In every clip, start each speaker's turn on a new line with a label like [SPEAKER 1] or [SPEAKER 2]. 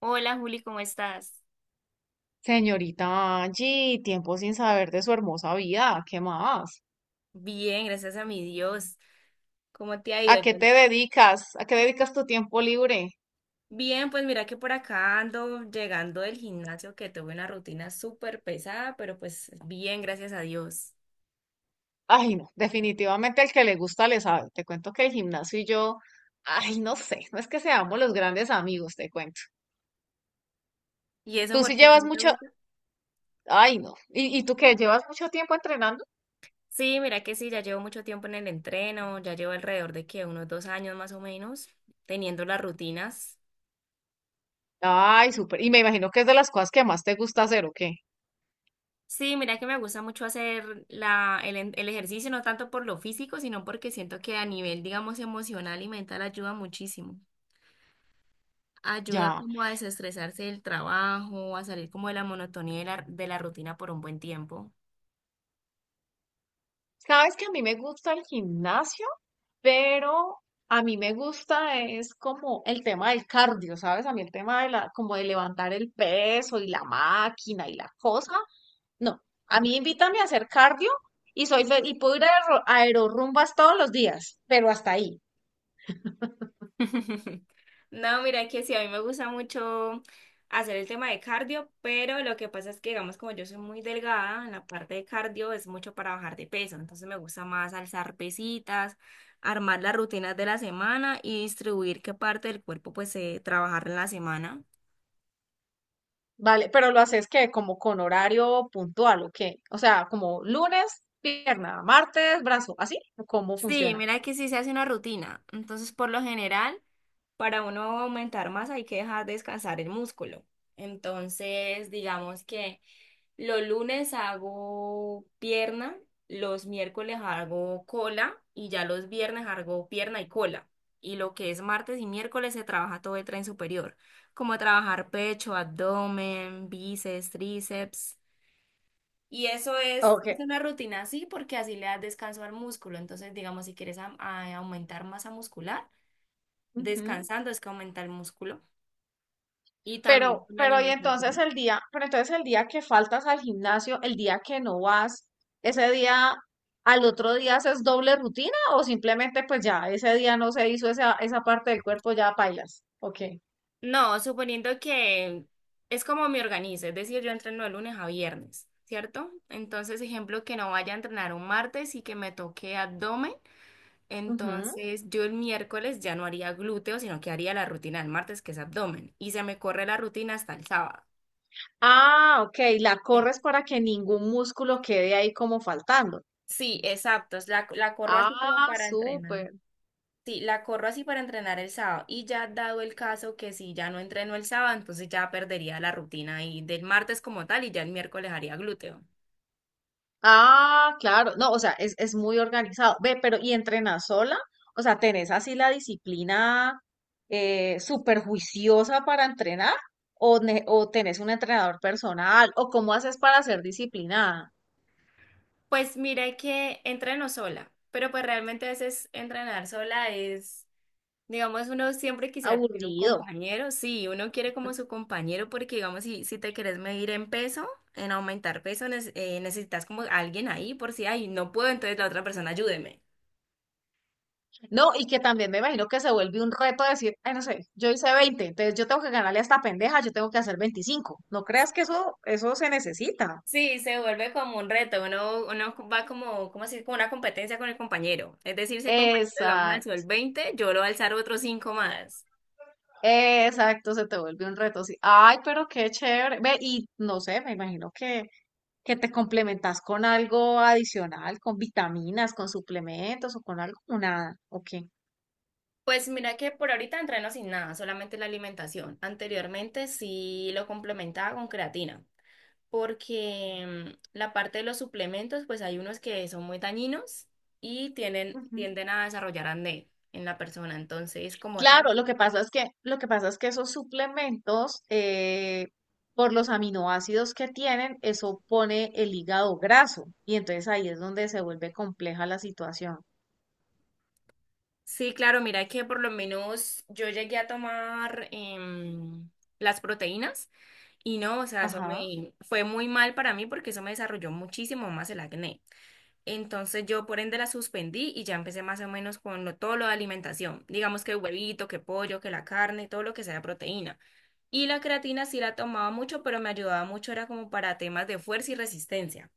[SPEAKER 1] Hola Juli, ¿cómo estás?
[SPEAKER 2] Señorita Angie, tiempo sin saber de su hermosa vida, ¿qué más?
[SPEAKER 1] Bien, gracias a mi Dios. ¿Cómo te ha ido?
[SPEAKER 2] ¿A qué
[SPEAKER 1] Yo-
[SPEAKER 2] te dedicas? ¿A qué dedicas tu tiempo libre?
[SPEAKER 1] bien, pues mira que por acá ando llegando del gimnasio que tuve una rutina súper pesada, pero pues bien, gracias a Dios.
[SPEAKER 2] Ay, no, definitivamente el que le gusta le sabe. Te cuento que el gimnasio y yo, ay, no sé, no es que seamos los grandes amigos, te cuento.
[SPEAKER 1] ¿Y eso
[SPEAKER 2] Tú
[SPEAKER 1] por
[SPEAKER 2] sí
[SPEAKER 1] qué
[SPEAKER 2] llevas
[SPEAKER 1] no te
[SPEAKER 2] mucho,
[SPEAKER 1] gusta?
[SPEAKER 2] ay, no. ¿Y tú qué? ¿Llevas mucho tiempo entrenando?
[SPEAKER 1] Sí, mira que sí, ya llevo mucho tiempo en el entreno, ya llevo alrededor de que unos 2 años más o menos teniendo las rutinas.
[SPEAKER 2] Ay, súper. Y me imagino que es de las cosas que más te gusta hacer, ¿o qué?
[SPEAKER 1] Sí, mira que me gusta mucho hacer el ejercicio, no tanto por lo físico, sino porque siento que a nivel, digamos, emocional y mental ayuda muchísimo. Ayuda
[SPEAKER 2] Ya.
[SPEAKER 1] como a desestresarse del trabajo, a salir como de la monotonía de la rutina por un buen tiempo.
[SPEAKER 2] Sabes que a mí me gusta el gimnasio, pero a mí me gusta es como el tema del cardio, ¿sabes? A mí el tema como de levantar el peso y la máquina y la cosa. No, a mí invítame a hacer cardio y y puedo ir a aerorrumbas todos los días, pero hasta ahí.
[SPEAKER 1] No, mira que sí, a mí me gusta mucho hacer el tema de cardio, pero lo que pasa es que, digamos, como yo soy muy delgada, en la parte de cardio es mucho para bajar de peso, entonces me gusta más alzar pesitas, armar las rutinas de la semana y distribuir qué parte del cuerpo pues trabajar en la semana.
[SPEAKER 2] Vale, pero lo haces que como con horario puntual ¿o qué? O sea, como lunes, pierna, martes, brazo, así, ¿cómo
[SPEAKER 1] Sí,
[SPEAKER 2] funciona?
[SPEAKER 1] mira que sí se hace una rutina. Entonces, por lo general, para uno aumentar masa hay que dejar descansar el músculo. Entonces, digamos que los lunes hago pierna, los miércoles hago cola y ya los viernes hago pierna y cola. Y lo que es martes y miércoles se trabaja todo el tren superior, como trabajar pecho, abdomen, bíceps, tríceps. Y eso es
[SPEAKER 2] Ok.
[SPEAKER 1] una rutina así porque así le das descanso al músculo. Entonces, digamos, si quieres aumentar masa muscular, descansando es que aumenta el músculo. Y también
[SPEAKER 2] Pero,
[SPEAKER 1] con la
[SPEAKER 2] pero
[SPEAKER 1] alimentación.
[SPEAKER 2] pero entonces el día que faltas al gimnasio, el día que no vas, ese día, al otro día haces doble rutina o simplemente pues ya ese día no se hizo esa parte del cuerpo, ya pailas. Ok.
[SPEAKER 1] No, suponiendo que es como me organizo, es decir, yo entreno de lunes a viernes, ¿cierto? Entonces, ejemplo, que no vaya a entrenar un martes y que me toque abdomen,
[SPEAKER 2] Ujú.
[SPEAKER 1] entonces yo el miércoles ya no haría glúteo, sino que haría la rutina del martes, que es abdomen, y se me corre la rutina hasta el sábado.
[SPEAKER 2] Ah, ok, la corres para que ningún músculo quede ahí como faltando.
[SPEAKER 1] Sí, exacto. Es la corro así como
[SPEAKER 2] Ah,
[SPEAKER 1] para entrenar.
[SPEAKER 2] súper.
[SPEAKER 1] Sí, la corro así para entrenar el sábado. Y ya dado el caso que si ya no entreno el sábado, entonces ya perdería la rutina y del martes como tal y ya el miércoles haría glúteo.
[SPEAKER 2] Ah, claro. No, o sea, es muy organizado. Ve, pero ¿y entrenas sola? O sea, ¿tenés así la disciplina súper juiciosa para entrenar? ¿O, o tenés un entrenador personal? ¿O cómo haces para ser disciplinada?
[SPEAKER 1] Pues mire que entreno sola, pero pues realmente a veces entrenar sola es, digamos, uno siempre quisiera tener un
[SPEAKER 2] Aburrido.
[SPEAKER 1] compañero. Sí, uno quiere como su compañero porque, digamos, si te quieres medir en peso, en aumentar peso, necesitas como alguien ahí por si, ay, no puedo, entonces la otra persona ayúdeme.
[SPEAKER 2] No, y que también me imagino que se vuelve un reto decir, ay, no sé, yo hice 20, entonces yo tengo que ganarle a esta pendeja, yo tengo que hacer 25. No creas que eso se necesita.
[SPEAKER 1] Sí, se vuelve como un reto, uno va como, ¿cómo así? Como una competencia con el compañero. Es decir, si el compañero, digamos, alzó el
[SPEAKER 2] Exacto.
[SPEAKER 1] 20, yo lo voy a alzar otros cinco más.
[SPEAKER 2] Exacto, se te vuelve un reto. Sí. Ay, pero qué chévere. Ve, y no sé, me imagino que, te complementas con algo adicional, con vitaminas, con suplementos o con algo, o nada, ¿o qué?
[SPEAKER 1] Pues mira que por ahorita entreno sin nada, solamente la alimentación. Anteriormente sí lo complementaba con creatina, porque la parte de los suplementos, pues hay unos que son muy dañinos y
[SPEAKER 2] Ujú.
[SPEAKER 1] tienden a desarrollar acné en la persona. Entonces, como tal,
[SPEAKER 2] Claro, lo que pasa es que, lo que pasa es que esos suplementos, por los aminoácidos que tienen, eso pone el hígado graso. Y entonces ahí es donde se vuelve compleja la situación.
[SPEAKER 1] sí, claro, mira que por lo menos yo llegué a tomar las proteínas y no, o sea, eso
[SPEAKER 2] Ajá.
[SPEAKER 1] me fue muy mal para mí porque eso me desarrolló muchísimo más el acné. Entonces yo por ende la suspendí y ya empecé más o menos con todo lo de alimentación, digamos que huevito, que pollo, que la carne, todo lo que sea proteína. Y la creatina sí la tomaba mucho, pero me ayudaba mucho, era como para temas de fuerza y resistencia.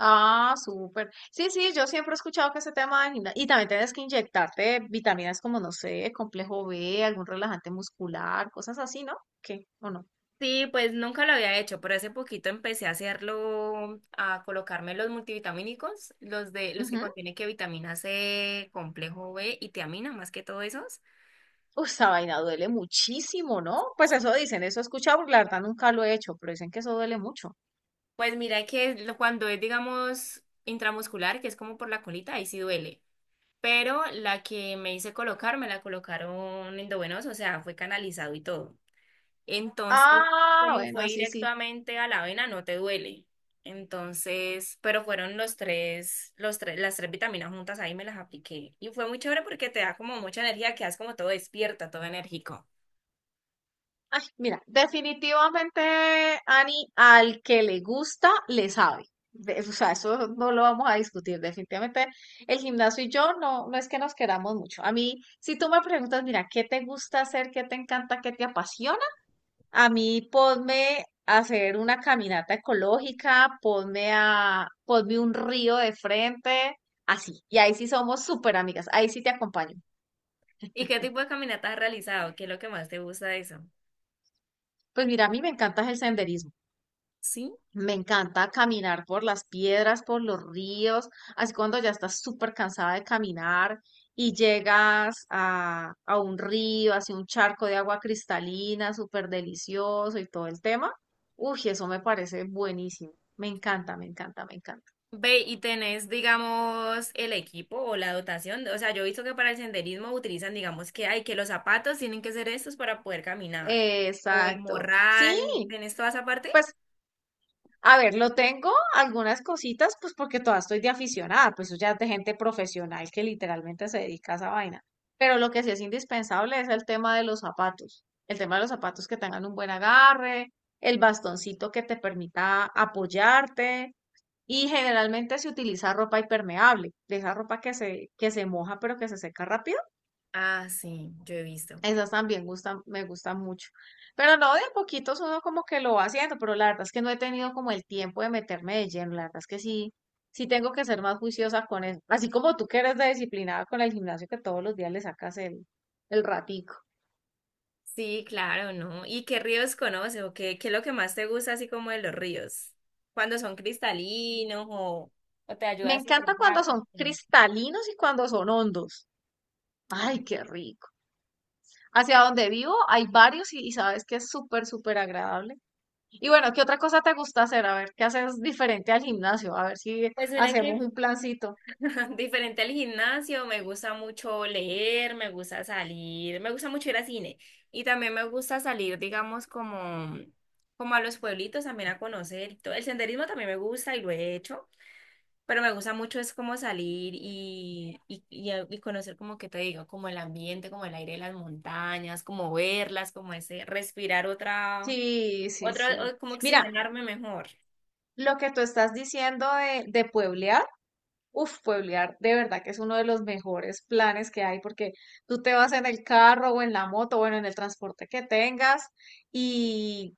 [SPEAKER 2] Ah, súper. Sí, sí, yo siempre he escuchado que ese tema del gimnasio. Y también tienes que inyectarte vitaminas como, no sé, complejo B, algún relajante muscular, cosas así, ¿no? ¿Qué? ¿O no?
[SPEAKER 1] Sí, pues nunca lo había hecho, pero hace poquito empecé a hacerlo, a colocarme los multivitamínicos, los de los que
[SPEAKER 2] Ujú.
[SPEAKER 1] contienen que vitamina C, complejo B y tiamina, más que todo esos.
[SPEAKER 2] Uy, esa vaina duele muchísimo, ¿no? Pues eso dicen, eso he escuchado, porque la verdad nunca lo he hecho, pero dicen que eso duele mucho.
[SPEAKER 1] Pues mira que cuando es, digamos, intramuscular, que es como por la colita, ahí sí duele. Pero la que me hice colocar, me la colocaron endovenosa, o sea, fue canalizado y todo. Entonces,
[SPEAKER 2] Ah,
[SPEAKER 1] como
[SPEAKER 2] bueno,
[SPEAKER 1] fue
[SPEAKER 2] así sí.
[SPEAKER 1] directamente a la vena no te duele. Entonces, pero fueron las tres vitaminas juntas ahí me las apliqué. Y fue muy chévere porque te da como mucha energía, quedas como todo despierta, todo enérgico.
[SPEAKER 2] Ay, mira, definitivamente, Ani, al que le gusta, le sabe. De- o sea, eso no lo vamos a discutir. Definitivamente, el gimnasio y yo no, no es que nos queramos mucho. A mí, si tú me preguntas, mira, ¿qué te gusta hacer? ¿Qué te encanta? ¿Qué te apasiona? A mí, ponme a hacer una caminata ecológica, ponme ponme un río de frente, así. Y ahí sí somos súper amigas. Ahí sí te acompaño.
[SPEAKER 1] ¿Y qué tipo de caminatas has realizado? ¿Qué es lo que más te gusta de eso?
[SPEAKER 2] Pues mira, a mí me encanta es el senderismo.
[SPEAKER 1] Sí.
[SPEAKER 2] Me encanta caminar por las piedras, por los ríos, así cuando ya estás súper cansada de caminar y llegas a un río, hacia un charco de agua cristalina, súper delicioso y todo el tema. Uy, eso me parece buenísimo. Me encanta, me encanta, me encanta.
[SPEAKER 1] Ve, y tenés, digamos, el equipo o la dotación. O sea, yo he visto que para el senderismo utilizan, digamos, que hay que los zapatos tienen que ser estos para poder caminar. O el
[SPEAKER 2] Exacto. Sí,
[SPEAKER 1] morral, ¿tenés toda esa parte?
[SPEAKER 2] pues a ver, lo tengo algunas cositas, pues porque todavía estoy de aficionada, pues eso ya es de gente profesional que literalmente se dedica a esa vaina. Pero lo que sí es indispensable es el tema de los zapatos. El tema de los zapatos que tengan un buen agarre, el bastoncito que te permita apoyarte y generalmente se utiliza ropa impermeable, de esa ropa que se moja pero que se seca rápido.
[SPEAKER 1] Ah, sí, yo he visto.
[SPEAKER 2] Esas también gustan, me gustan mucho. Pero no, de a poquitos uno como que lo va haciendo, pero la verdad es que no he tenido como el tiempo de meterme de lleno. La verdad es que sí, sí tengo que ser más juiciosa con eso. Así como tú que eres de disciplinada con el gimnasio que todos los días le sacas el ratico.
[SPEAKER 1] Sí, claro, ¿no? ¿Y qué ríos conoces o qué es lo que más te gusta así como de los ríos? Cuando son cristalinos o te
[SPEAKER 2] Me
[SPEAKER 1] ayuda a
[SPEAKER 2] encanta cuando
[SPEAKER 1] estresarte.
[SPEAKER 2] son cristalinos y cuando son hondos. Ay, qué rico. Hacia donde vivo hay varios y sabes que es súper, súper agradable. Y bueno, ¿qué otra cosa te gusta hacer? A ver, ¿qué haces diferente al gimnasio? A ver si
[SPEAKER 1] Pues mira
[SPEAKER 2] hacemos
[SPEAKER 1] que
[SPEAKER 2] un plancito.
[SPEAKER 1] diferente al gimnasio, me gusta mucho leer, me gusta salir, me gusta mucho ir al cine y también me gusta salir, digamos, como, como a los pueblitos también a conocer. Y todo. El senderismo también me gusta y lo he hecho. Pero me gusta mucho es como salir y conocer como que te digo, como el ambiente, como el aire de las montañas, como verlas, como ese respirar
[SPEAKER 2] Sí, sí,
[SPEAKER 1] otra,
[SPEAKER 2] sí.
[SPEAKER 1] como
[SPEAKER 2] Mira,
[SPEAKER 1] oxigenarme mejor.
[SPEAKER 2] lo que tú estás diciendo de pueblear, uff, pueblear, de verdad que es uno de los mejores planes que hay porque tú te vas en el carro o en la moto, bueno, en el transporte que tengas y,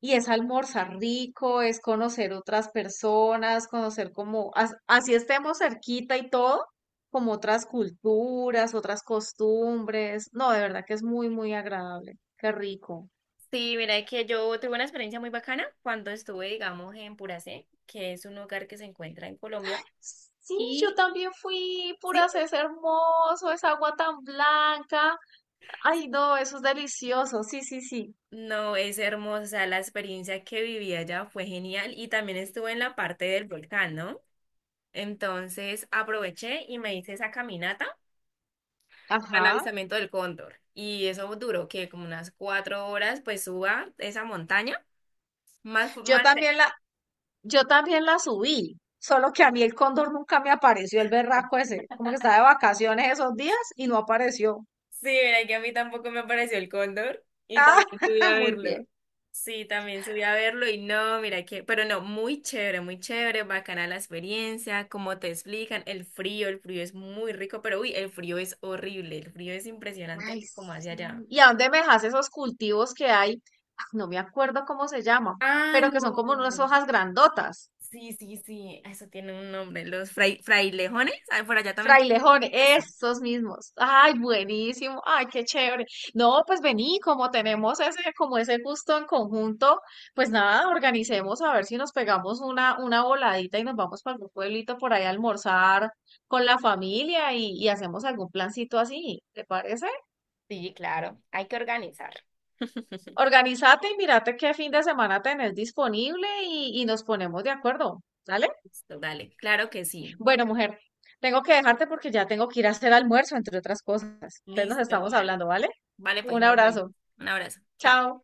[SPEAKER 2] y es almorzar rico, es conocer otras personas, conocer como, así estemos cerquita y todo, como otras culturas, otras costumbres. No, de verdad que es muy, muy agradable. Qué rico.
[SPEAKER 1] Sí, mira que yo tuve una experiencia muy bacana cuando estuve, digamos, en Puracé, que es un lugar que se encuentra en Colombia.
[SPEAKER 2] Sí, yo
[SPEAKER 1] Y
[SPEAKER 2] también fui,
[SPEAKER 1] sí,
[SPEAKER 2] puras, es hermoso, es agua tan blanca. Ay, no, eso es delicioso. Sí, sí, sí.
[SPEAKER 1] no, es hermosa, o sea, la experiencia que viví allá fue genial y también estuve en la parte del volcán, ¿no? Entonces aproveché y me hice esa caminata para el
[SPEAKER 2] Ajá.
[SPEAKER 1] avistamiento del cóndor. Y eso duró que como unas 4 horas, pues suba esa montaña.
[SPEAKER 2] Yo
[SPEAKER 1] Más.
[SPEAKER 2] también la, yo también la subí, solo que a mí el cóndor nunca me apareció, el berraco ese, como que estaba de vacaciones esos días y no apareció.
[SPEAKER 1] Sí, mira que a mí tampoco me apareció el cóndor y también subí
[SPEAKER 2] Ah,
[SPEAKER 1] a
[SPEAKER 2] muy
[SPEAKER 1] verlo.
[SPEAKER 2] bien.
[SPEAKER 1] Sí, también subí a verlo y no, mira que, pero no, muy chévere, bacana la experiencia, como te explican, el frío es muy rico, pero uy, el frío es horrible, el frío es
[SPEAKER 2] Ay,
[SPEAKER 1] impresionante como hacia allá.
[SPEAKER 2] sí. ¿Y a dónde me dejas esos cultivos que hay? Ah, no me acuerdo cómo se llaman, pero que
[SPEAKER 1] ¡Halo!
[SPEAKER 2] son como unas hojas grandotas.
[SPEAKER 1] Sí, sí, sí, eso tiene un nombre, los frailejones, ah, por allá también. Se-
[SPEAKER 2] Frailejón,
[SPEAKER 1] eso.
[SPEAKER 2] estos mismos. Ay, buenísimo. Ay, qué chévere. No, pues vení, como tenemos ese, como ese gusto en conjunto, pues nada, organicemos a ver si nos pegamos una voladita y nos vamos para algún pueblito por ahí a almorzar con la familia y hacemos algún plancito así, ¿te parece?
[SPEAKER 1] Sí, claro, hay que organizar.
[SPEAKER 2] Organízate y mírate qué fin de semana tenés disponible y nos ponemos de acuerdo, ¿vale?
[SPEAKER 1] Listo, dale, claro que sí.
[SPEAKER 2] Bueno, mujer, tengo que dejarte porque ya tengo que ir a hacer almuerzo, entre otras cosas. Entonces nos
[SPEAKER 1] Listo,
[SPEAKER 2] estamos
[SPEAKER 1] vale.
[SPEAKER 2] hablando, ¿vale?
[SPEAKER 1] Vale, pues
[SPEAKER 2] Un
[SPEAKER 1] nos vemos.
[SPEAKER 2] abrazo.
[SPEAKER 1] Un abrazo. Chao.
[SPEAKER 2] Chao.